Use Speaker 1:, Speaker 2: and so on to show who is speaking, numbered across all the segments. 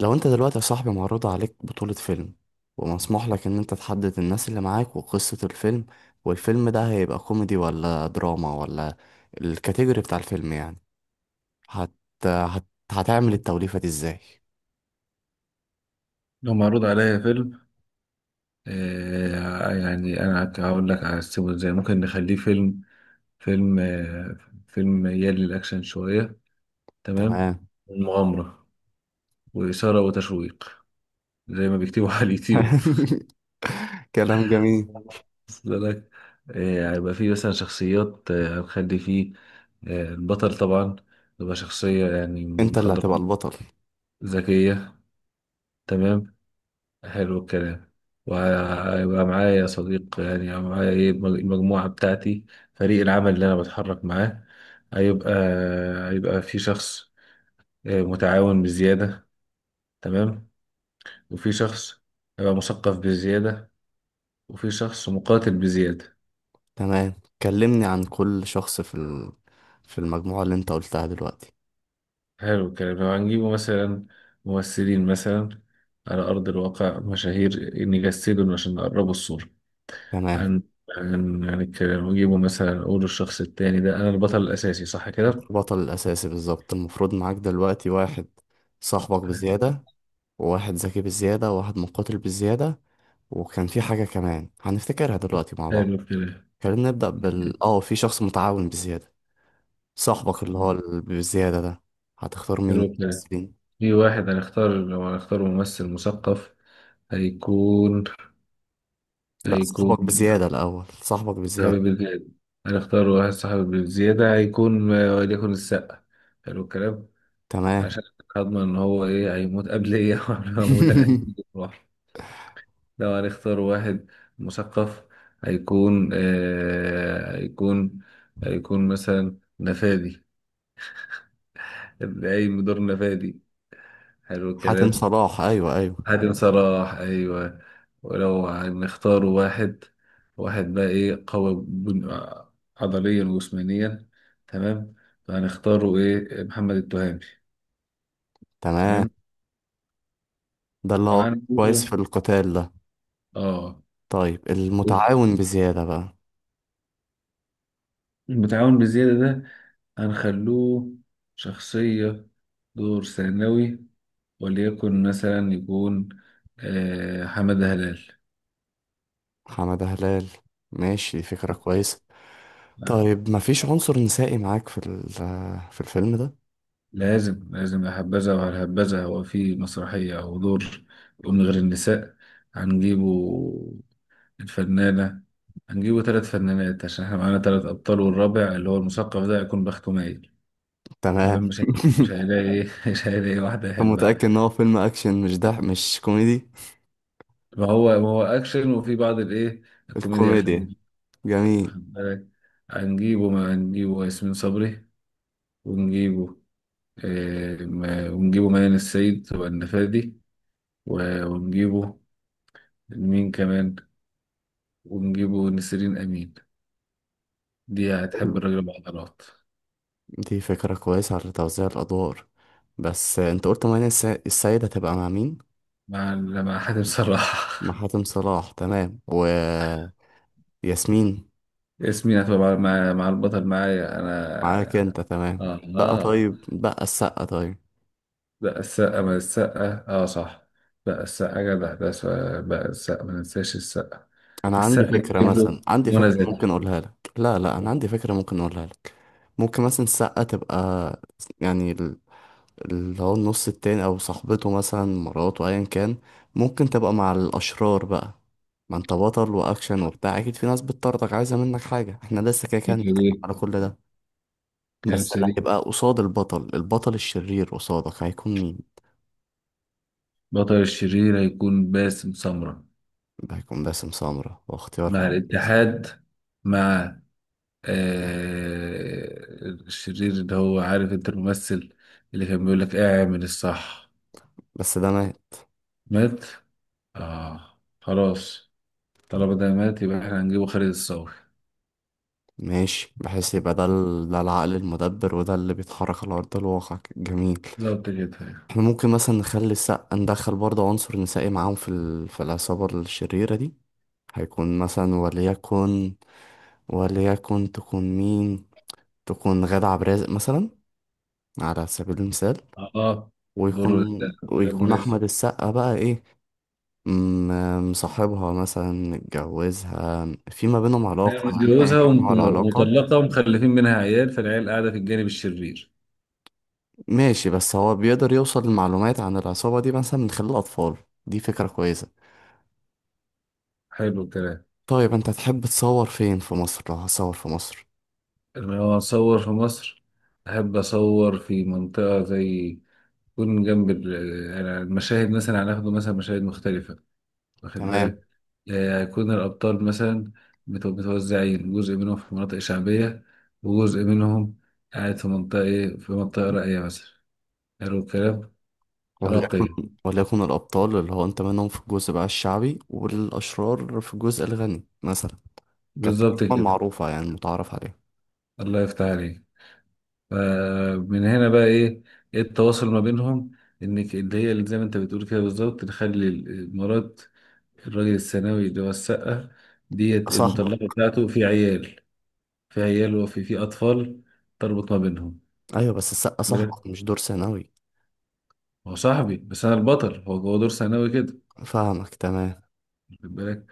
Speaker 1: لو انت دلوقتي يا صاحبي معروض عليك بطولة فيلم، ومسموح لك ان انت تحدد الناس اللي معاك وقصة الفيلم، والفيلم ده هيبقى كوميدي ولا دراما ولا الكاتيجوري بتاع الفيلم يعني هت... هت... هتعمل التوليفة دي ازاي؟
Speaker 2: لو معروض عليا فيلم، يعني انا هقول لك هقسمه ازاي ممكن نخليه فيلم. فيلم آه فيلم يلي الاكشن شويه، تمام.
Speaker 1: تمام.
Speaker 2: المغامره واثاره وتشويق، زي ما بيكتبوا على اليوتيوب.
Speaker 1: كلام جميل.
Speaker 2: وصل لك؟ هيبقى فيه مثلا شخصيات. هنخلي فيه، البطل طبعا يبقى شخصية يعني
Speaker 1: انت اللي هتبقى
Speaker 2: مخضرمة
Speaker 1: البطل.
Speaker 2: ذكية. تمام، حلو الكلام. وهيبقى معايا يا صديق، يعني هيبقى معايا ايه المجموعة بتاعتي، فريق العمل اللي انا بتحرك معاه. هيبقى هيبقى في شخص متعاون بزيادة، تمام. وفي شخص هيبقى مثقف بزيادة، وفي شخص مقاتل بزيادة.
Speaker 1: تمام، كلمني عن كل شخص في في المجموعة اللي انت قلتها دلوقتي.
Speaker 2: حلو الكلام، لو هنجيبه مثلا ممثلين مثلا على أرض الواقع مشاهير نجسدهم عشان نقربوا الصورة
Speaker 1: تمام،
Speaker 2: عن الكلام، ونجيبه مثلا نقوله الشخص التاني ده. أنا البطل الأساسي صح كده.
Speaker 1: البطل الأساسي بالظبط المفروض معاك دلوقتي واحد صاحبك بزيادة، وواحد ذكي بالزيادة، وواحد مقاتل بالزيادة، وكان في حاجة كمان هنفتكرها دلوقتي مع
Speaker 2: حلو
Speaker 1: بعض.
Speaker 2: الكلام،
Speaker 1: خلينا نبدأ بال في شخص متعاون بالزيادة. صاحبك اللي هو بالزيادة ده هتختار مين
Speaker 2: حلو
Speaker 1: من
Speaker 2: الكلام.
Speaker 1: الممثلين؟
Speaker 2: في واحد هنختار، لو هنختار ممثل مثقف هيكون،
Speaker 1: لا،
Speaker 2: هيكون
Speaker 1: صاحبك بزيادة الأول، صاحبك
Speaker 2: صاحب
Speaker 1: بزيادة.
Speaker 2: البلاد. هنختار واحد صاحب الزيادة، هيكون وليكن السقا. حلو الكلام،
Speaker 1: تمام.
Speaker 2: عشان هضمن إن هو إيه هيموت قبل إيه أو قبل ما أموت، أنا عايز أموت لوحدي. لو هنختار واحد مثقف هيكون، هيكون مثلا نفادي، اللي قايم بدور نفادي. حلو
Speaker 1: حاتم
Speaker 2: الكلام،
Speaker 1: صلاح، أيوه أيوه.
Speaker 2: حاتم صلاح ايوه. ولو هنختار واحد، واحد بقى ايه قوي، عضليا وجسمانيا، تمام. فهنختاره ايه محمد التهامي،
Speaker 1: تمام،
Speaker 2: تمام.
Speaker 1: ده اللي هو كويس
Speaker 2: وهنقوله
Speaker 1: في القتال ده.
Speaker 2: اه.
Speaker 1: طيب، المتعاون بزيادة بقى.
Speaker 2: المتعاون بزيادة ده هنخلوه شخصية، دور ثانوي، وليكن مثلا يكون حمادة هلال.
Speaker 1: حمادة هلال، ماشي، فكرة كويسة. طيب مفيش عنصر نسائي معاك في في الفيلم ده؟
Speaker 2: لازم لازم، لا هبذا ولا هبذا، هو في مسرحية أو دور يقوم من غير النساء؟ هنجيبه الفنانة، هنجيبه ثلاث فنانات عشان احنا معانا ثلاث أبطال، والرابع اللي هو المثقف ده هيكون بخته مايل.
Speaker 1: تمام.
Speaker 2: تمام، مش هيلاقي ايه مش هيلاقي واحدة
Speaker 1: أنت
Speaker 2: يحبها.
Speaker 1: متأكد إن هو فيلم أكشن مش ده مش كوميدي؟
Speaker 2: ما هو أكشن وفي بعض الإيه، الكوميديا
Speaker 1: الكوميديا،
Speaker 2: الخفيفة،
Speaker 1: جميل.
Speaker 2: واخد بالك. هنجيبه، ما هنجيبه ياسمين صبري، ونجيبه إيه، ونجيبه ميادة السيد والنفادي، ونجيبه مين كمان، ونجيبه نسرين أمين، دي
Speaker 1: حلو.
Speaker 2: هتحب الراجل بعضلات.
Speaker 1: دي فكرة كويسة على توزيع الأدوار. بس أنت قلت مانيا السيدة هتبقى مع مين؟
Speaker 2: مع مع حاتم صراحة.
Speaker 1: مع حاتم صلاح، تمام، و ياسمين؟
Speaker 2: ياسمين هتبقى مع البطل معايا
Speaker 1: معاك
Speaker 2: أنا.
Speaker 1: أنت، تمام.
Speaker 2: آه
Speaker 1: بقى
Speaker 2: آه،
Speaker 1: طيب، بقى السقا طيب.
Speaker 2: بقى السقا، من السقا، آه صح. بقى السقا جدع ده بقى السقا، ما ننساش السقا.
Speaker 1: أنا عندي
Speaker 2: السقا
Speaker 1: فكرة،
Speaker 2: نجيب له
Speaker 1: مثلا عندي
Speaker 2: منى
Speaker 1: فكرة
Speaker 2: زكي.
Speaker 1: ممكن أقولها لك، لا لا، أنا عندي فكرة ممكن أقولها لك. ممكن مثلا السقا تبقى، يعني اللي هو النص التاني او صاحبته مثلا، مراته ايا كان، ممكن تبقى مع الاشرار بقى. ما انت بطل واكشن وبتاع، اكيد في ناس بتطردك عايزه منك حاجه، احنا لسه كده كده هنتكلم
Speaker 2: كريم،
Speaker 1: على كل ده.
Speaker 2: كريم
Speaker 1: بس اللي
Speaker 2: سليم.
Speaker 1: هيبقى قصاد البطل، البطل الشرير قصادك، هيكون مين؟
Speaker 2: بطل الشرير هيكون باسم سمرة.
Speaker 1: ده هيكون باسم سمرة، واختيار
Speaker 2: مع
Speaker 1: كويس.
Speaker 2: الاتحاد، مع آه الشرير اللي هو عارف انت الممثل اللي كان بيقول لك اعمل الصح.
Speaker 1: بس ده مات.
Speaker 2: مات، اه خلاص، طالما ده مات يبقى احنا هنجيبه خالد الصاوي.
Speaker 1: ماشي، بحيث يبقى ده، ده العقل المدبر وده اللي بيتحرك على أرض الواقع. جميل.
Speaker 2: بالظبط كده.
Speaker 1: احنا ممكن مثلا نخلي السقا، ندخل برضه عنصر نسائي معاهم في في العصابة الشريرة دي. هيكون مثلا وليكن، وليكن تكون مين؟ تكون غادة عبد الرازق مثلا، على سبيل المثال.
Speaker 2: اه دوره
Speaker 1: ويكون،
Speaker 2: ده، ده
Speaker 1: ويكون
Speaker 2: المناسب.
Speaker 1: أحمد السقا بقى إيه، مصاحبها مثلا، متجوزها، في ما بينهم
Speaker 2: هي
Speaker 1: علاقة، يعني أيا
Speaker 2: متجوزها
Speaker 1: كان نوع العلاقة.
Speaker 2: ومطلقة ومخلفين منها عيال، فالعيال قاعدة في الجانب الشرير.
Speaker 1: ماشي، بس هو بيقدر يوصل لمعلومات عن العصابة دي مثلا من خلال الأطفال. دي فكرة كويسة.
Speaker 2: حلو الكلام،
Speaker 1: طيب أنت تحب تصور فين في مصر لو هتصور في مصر؟
Speaker 2: لما هو أصور في مصر، أحب أصور في منطقة زي، يكون جنب يعني المشاهد مثلا هناخده مثلا مشاهد مختلفة، واخد
Speaker 1: تمام.
Speaker 2: بالك. هيكون الأبطال مثلا متوزعين، جزء منهم في مناطق شعبية، وجزء منهم قاعد في منطقة إيه، في منطقة راقية مثلا. حلو الكلام،
Speaker 1: وليكن،
Speaker 2: راقية،
Speaker 1: وليكن الأبطال اللي هو أنت منهم في الجزء بقى الشعبي، والأشرار في الجزء الغني مثلا. كانت
Speaker 2: بالظبط
Speaker 1: الأسماء
Speaker 2: كده.
Speaker 1: المعروفة، يعني المتعارف عليها.
Speaker 2: الله يفتح عليك. فمن هنا بقى إيه، إيه التواصل ما بينهم؟ إنك اللي هي اللي زي ما أنت بتقول كده بالظبط، نخلي المرات، الراجل الثانوي اللي هو السقة، ديت
Speaker 1: صاحبك.
Speaker 2: المطلقة بتاعته في عيال، في عيال وفي أطفال تربط ما بينهم.
Speaker 1: أيوه بس السقا صاحبك مش دور ثانوي.
Speaker 2: هو صاحبي بس انا البطل، هو دور ثانوي كده،
Speaker 1: فاهمك، تمام.
Speaker 2: واخد بالك.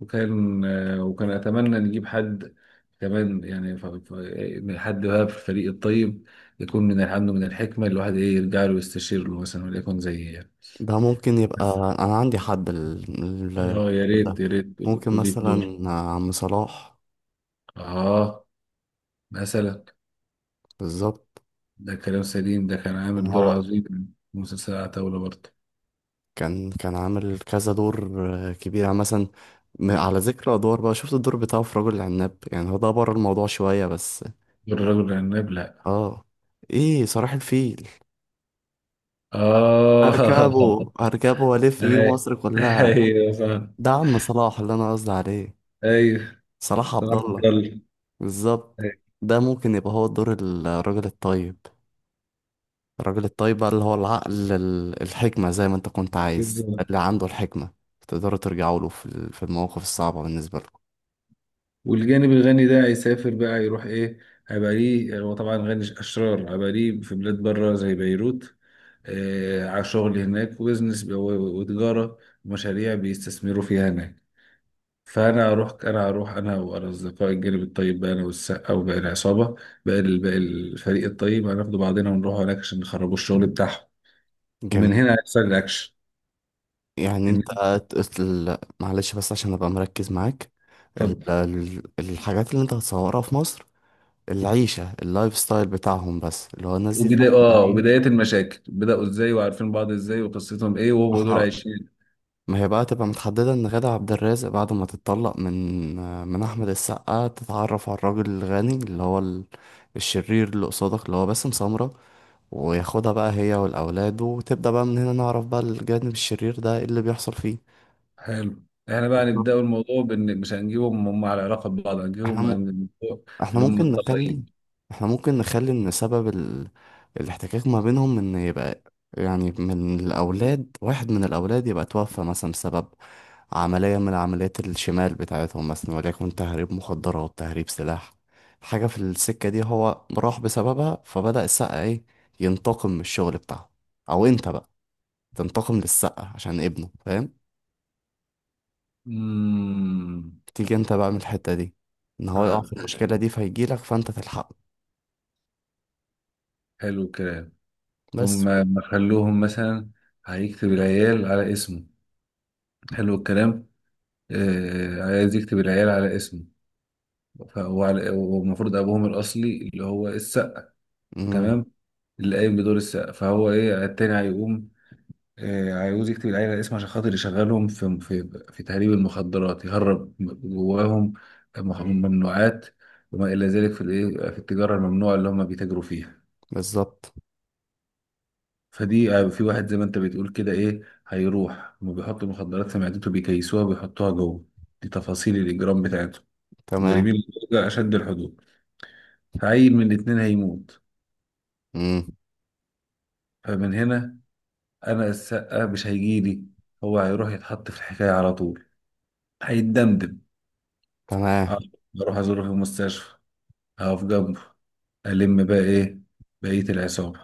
Speaker 2: وكان اتمنى نجيب حد كمان، يعني من حد بقى في الفريق الطيب، يكون من الحمد من الحكمه، الواحد ايه يرجع له يستشير له، مثلا وليكن زي يعني،
Speaker 1: ده ممكن يبقى، أنا عندي حد
Speaker 2: اه يا ريت
Speaker 1: ده ممكن
Speaker 2: تضيف دور.
Speaker 1: مثلا عم صلاح.
Speaker 2: اه مثلا،
Speaker 1: بالظبط.
Speaker 2: ده كلام سليم، ده كان
Speaker 1: إن
Speaker 2: عامل دور
Speaker 1: هو
Speaker 2: عظيم في مسلسل عتاولة برضه.
Speaker 1: كان كان عامل كذا دور، آه، كبير، يعني مثلا، على ذكر أدوار بقى، شفت الدور بتاعه في رجل العناب؟ يعني هو ده بره الموضوع شوية بس.
Speaker 2: دور الرجل العناب، لا.
Speaker 1: اه، ايه صلاح الفيل.
Speaker 2: اه
Speaker 1: اركبه اركبه والف بيه
Speaker 2: ايوه
Speaker 1: مصر كلها.
Speaker 2: ايوه صح،
Speaker 1: ده عم صلاح اللي انا قصدي عليه،
Speaker 2: ايوه
Speaker 1: صلاح
Speaker 2: صح
Speaker 1: عبد
Speaker 2: عبد
Speaker 1: الله.
Speaker 2: الله،
Speaker 1: بالظبط. ده ممكن يبقى هو دور الراجل الطيب. الراجل الطيب بقى اللي هو العقل الحكمة، زي ما انت كنت عايز،
Speaker 2: بالظبط.
Speaker 1: اللي عنده الحكمة تقدروا ترجعوا له في في المواقف الصعبة بالنسبة لكم.
Speaker 2: والجانب الغني ده هيسافر بقى، يروح ايه، هيبقى ليه، هو طبعا غني اشرار، هيبقى ليه في بلاد بره زي بيروت. آه على شغل هناك، وبزنس وتجاره ومشاريع بيستثمروا فيها هناك. فانا هروح، انا هروح انا وانا اصدقائي الجانب الطيب بقى، انا والسقا وباقي العصابه، باقي باقي الفريق الطيب، هناخدوا بعضنا ونروح هناك عشان نخربوا الشغل بتاعهم.
Speaker 1: جميل.
Speaker 2: ومن هنا هيحصل الاكشن.
Speaker 1: يعني
Speaker 2: إن-
Speaker 1: انت قلت معلش بس عشان ابقى مركز معاك،
Speaker 2: طب
Speaker 1: الحاجات اللي انت هتصورها في مصر، العيشة، اللايف ستايل بتاعهم، بس اللي هو الناس دي طبعا
Speaker 2: وبداية
Speaker 1: مين؟
Speaker 2: المشاكل، بدأوا ازاي وعارفين بعض ازاي وقصتهم ايه،
Speaker 1: ما
Speaker 2: وهو دول
Speaker 1: احنا،
Speaker 2: عايشين.
Speaker 1: ما هي بقى تبقى متحددة ان غادة عبد الرازق بعد ما تتطلق من، من أحمد السقا، تتعرف على الراجل الغني اللي هو الشرير اللي قصادك اللي هو باسم سمرة، وياخدها بقى هي والأولاد، وتبدأ بقى من هنا نعرف بقى الجانب الشرير ده ايه اللي بيحصل فيه.
Speaker 2: حلو، احنا بقى
Speaker 1: بالظبط.
Speaker 2: نبدأ الموضوع بان مش هنجيبهم هم على علاقة ببعض،
Speaker 1: احنا
Speaker 2: هنجيبهم عن
Speaker 1: م...
Speaker 2: الموضوع
Speaker 1: احنا
Speaker 2: اللي هم
Speaker 1: ممكن نخلي،
Speaker 2: متطلقين.
Speaker 1: احنا ممكن نخلي ان سبب الاحتكاك ما بينهم ان يبقى، يعني من الاولاد واحد من الاولاد يبقى توفى مثلا بسبب عملية من عمليات الشمال بتاعتهم، مثلا وليكن تهريب مخدرات، تهريب سلاح، حاجة في السكة دي هو راح بسببها، فبدأ السقا ايه، ينتقم من الشغل بتاعه، او انت بقى تنتقم للسقا عشان ابنه، فاهم؟
Speaker 2: امم،
Speaker 1: تيجي انت بقى من الحتة دي، ان هو يقع في
Speaker 2: آه،
Speaker 1: المشكلة دي فيجيلك فانت تلحقه.
Speaker 2: حلو الكلام. هم
Speaker 1: بس.
Speaker 2: ما خلوهم مثلا هيكتب العيال على اسمه. حلو الكلام، آه عايز يكتب العيال على اسمه. والمفروض ابوهم الاصلي اللي هو السقا،
Speaker 1: مم.
Speaker 2: تمام، اللي قايم بدور السقا، فهو ايه التاني هيقوم، عاوز يكتب العيلة الاسم عشان خاطر يشغلهم في تهريب المخدرات، يهرب جواهم ممنوعات وما إلى ذلك، في الإيه، في التجارة الممنوعة اللي هم بيتاجروا فيها.
Speaker 1: بالظبط.
Speaker 2: فدي في واحد زي ما أنت بتقول كده إيه، هيروح هم بيحطوا المخدرات في معدته، بيكيسوها وبيحطوها جوه، دي تفاصيل الإجرام بتاعتهم.
Speaker 1: تمام.
Speaker 2: مجرمين بدرجة أشد الحدود. فعيل من الاتنين هيموت.
Speaker 1: امم
Speaker 2: فمن هنا أنا السقا مش هيجيلي، هو هيروح يتحط في الحكاية على طول، هيتدمدم.
Speaker 1: تمام.
Speaker 2: آه، اروح ازوره في المستشفى، اقف جنبه. الم بقى ايه بقية العصابة،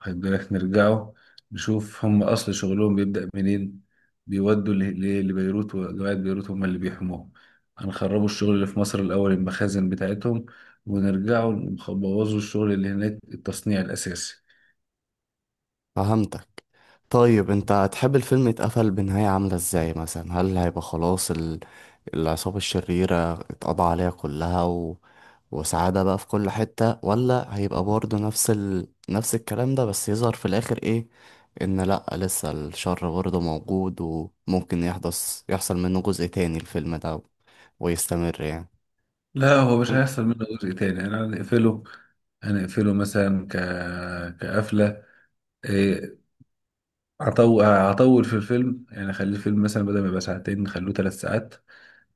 Speaker 2: واخد بالك. نرجعوا نشوف هم اصل شغلهم بيبدأ منين، بيودوا لبيروت، وجماعة بيروت هم اللي بيحموهم. هنخربوا الشغل اللي في مصر الاول، المخازن بتاعتهم، ونرجعوا نبوظوا الشغل اللي هناك، التصنيع الاساسي.
Speaker 1: فهمتك. طيب انت هتحب الفيلم يتقفل بنهاية عاملة ازاي؟ مثلا هل هيبقى خلاص العصابة الشريرة اتقضى عليها كلها وسعادة بقى في كل حتة، ولا هيبقى برضه نفس نفس الكلام ده بس يظهر في الآخر ايه، ان لأ لسه الشر برضه موجود وممكن يحدث يحصل منه جزء تاني الفيلم ده ويستمر يعني؟
Speaker 2: لا، هو مش هيحصل منه جزء تاني، انا هنقفله. هنقفله مثلا كقفلة إيه، هطول في الفيلم، يعني اخلي الفيلم مثلا بدل ما يبقى ساعتين نخلوه ثلاث ساعات،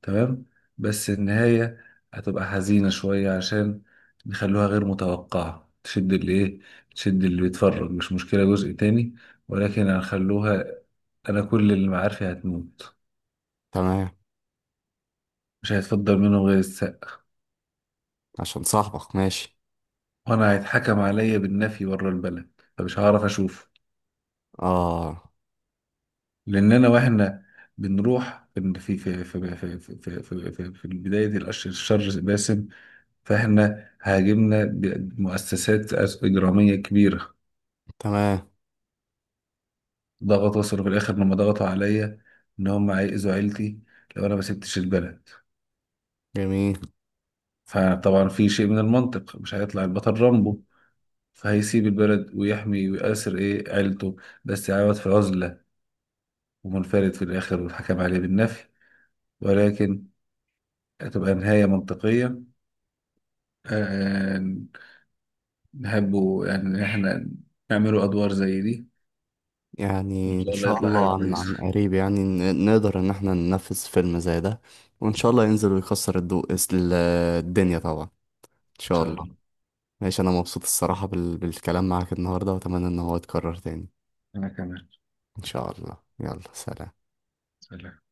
Speaker 2: تمام. بس النهاية هتبقى حزينة شوية، عشان نخلوها غير متوقعة، تشد اللي ايه، تشد اللي بيتفرج، مش مشكلة جزء تاني، ولكن هنخلوها. انا كل اللي معارفي هتموت،
Speaker 1: تمام،
Speaker 2: مش هيتفضل منهم غير السقا.
Speaker 1: عشان صاحبك. ماشي.
Speaker 2: وانا هيتحكم عليا بالنفي بره البلد، فمش هعرف اشوفه.
Speaker 1: اه.
Speaker 2: لان انا، واحنا بنروح في في في في في في في, في, في, في, في البداية دي، الأشر الشر باسم، فاحنا هاجمنا بمؤسسات إجرامية كبيرة.
Speaker 1: تمام.
Speaker 2: ضغط، وصلوا في الآخر لما ضغطوا عليا إن هم هيأذوا عيلتي لو أنا ما سبتش البلد.
Speaker 1: جميل.
Speaker 2: فطبعا في شيء من المنطق، مش هيطلع البطل رامبو، فهيسيب البلد ويحمي ويأسر إيه عيلته، بس يعود في عزلة ومنفرد في الآخر والحكم عليه بالنفي. ولكن هتبقى نهاية منطقية، آه، نحبه يعني إن إحنا نعمله أدوار زي دي. وإن
Speaker 1: يعني ان
Speaker 2: شاء الله
Speaker 1: شاء
Speaker 2: يطلع حاجة
Speaker 1: الله عن
Speaker 2: كويسة
Speaker 1: عن
Speaker 2: إن
Speaker 1: قريب يعني نقدر ان احنا ننفذ فيلم زي ده. وان شاء الله ينزل ويكسر ال- الدنيا طبعا، ان شاء
Speaker 2: شاء
Speaker 1: الله.
Speaker 2: الله.
Speaker 1: ماشي، انا مبسوط الصراحة بالكلام معاك النهاردة، واتمنى ان هو يتكرر تاني.
Speaker 2: أنا كمان،
Speaker 1: ان شاء الله، يلا سلام.
Speaker 2: سلام.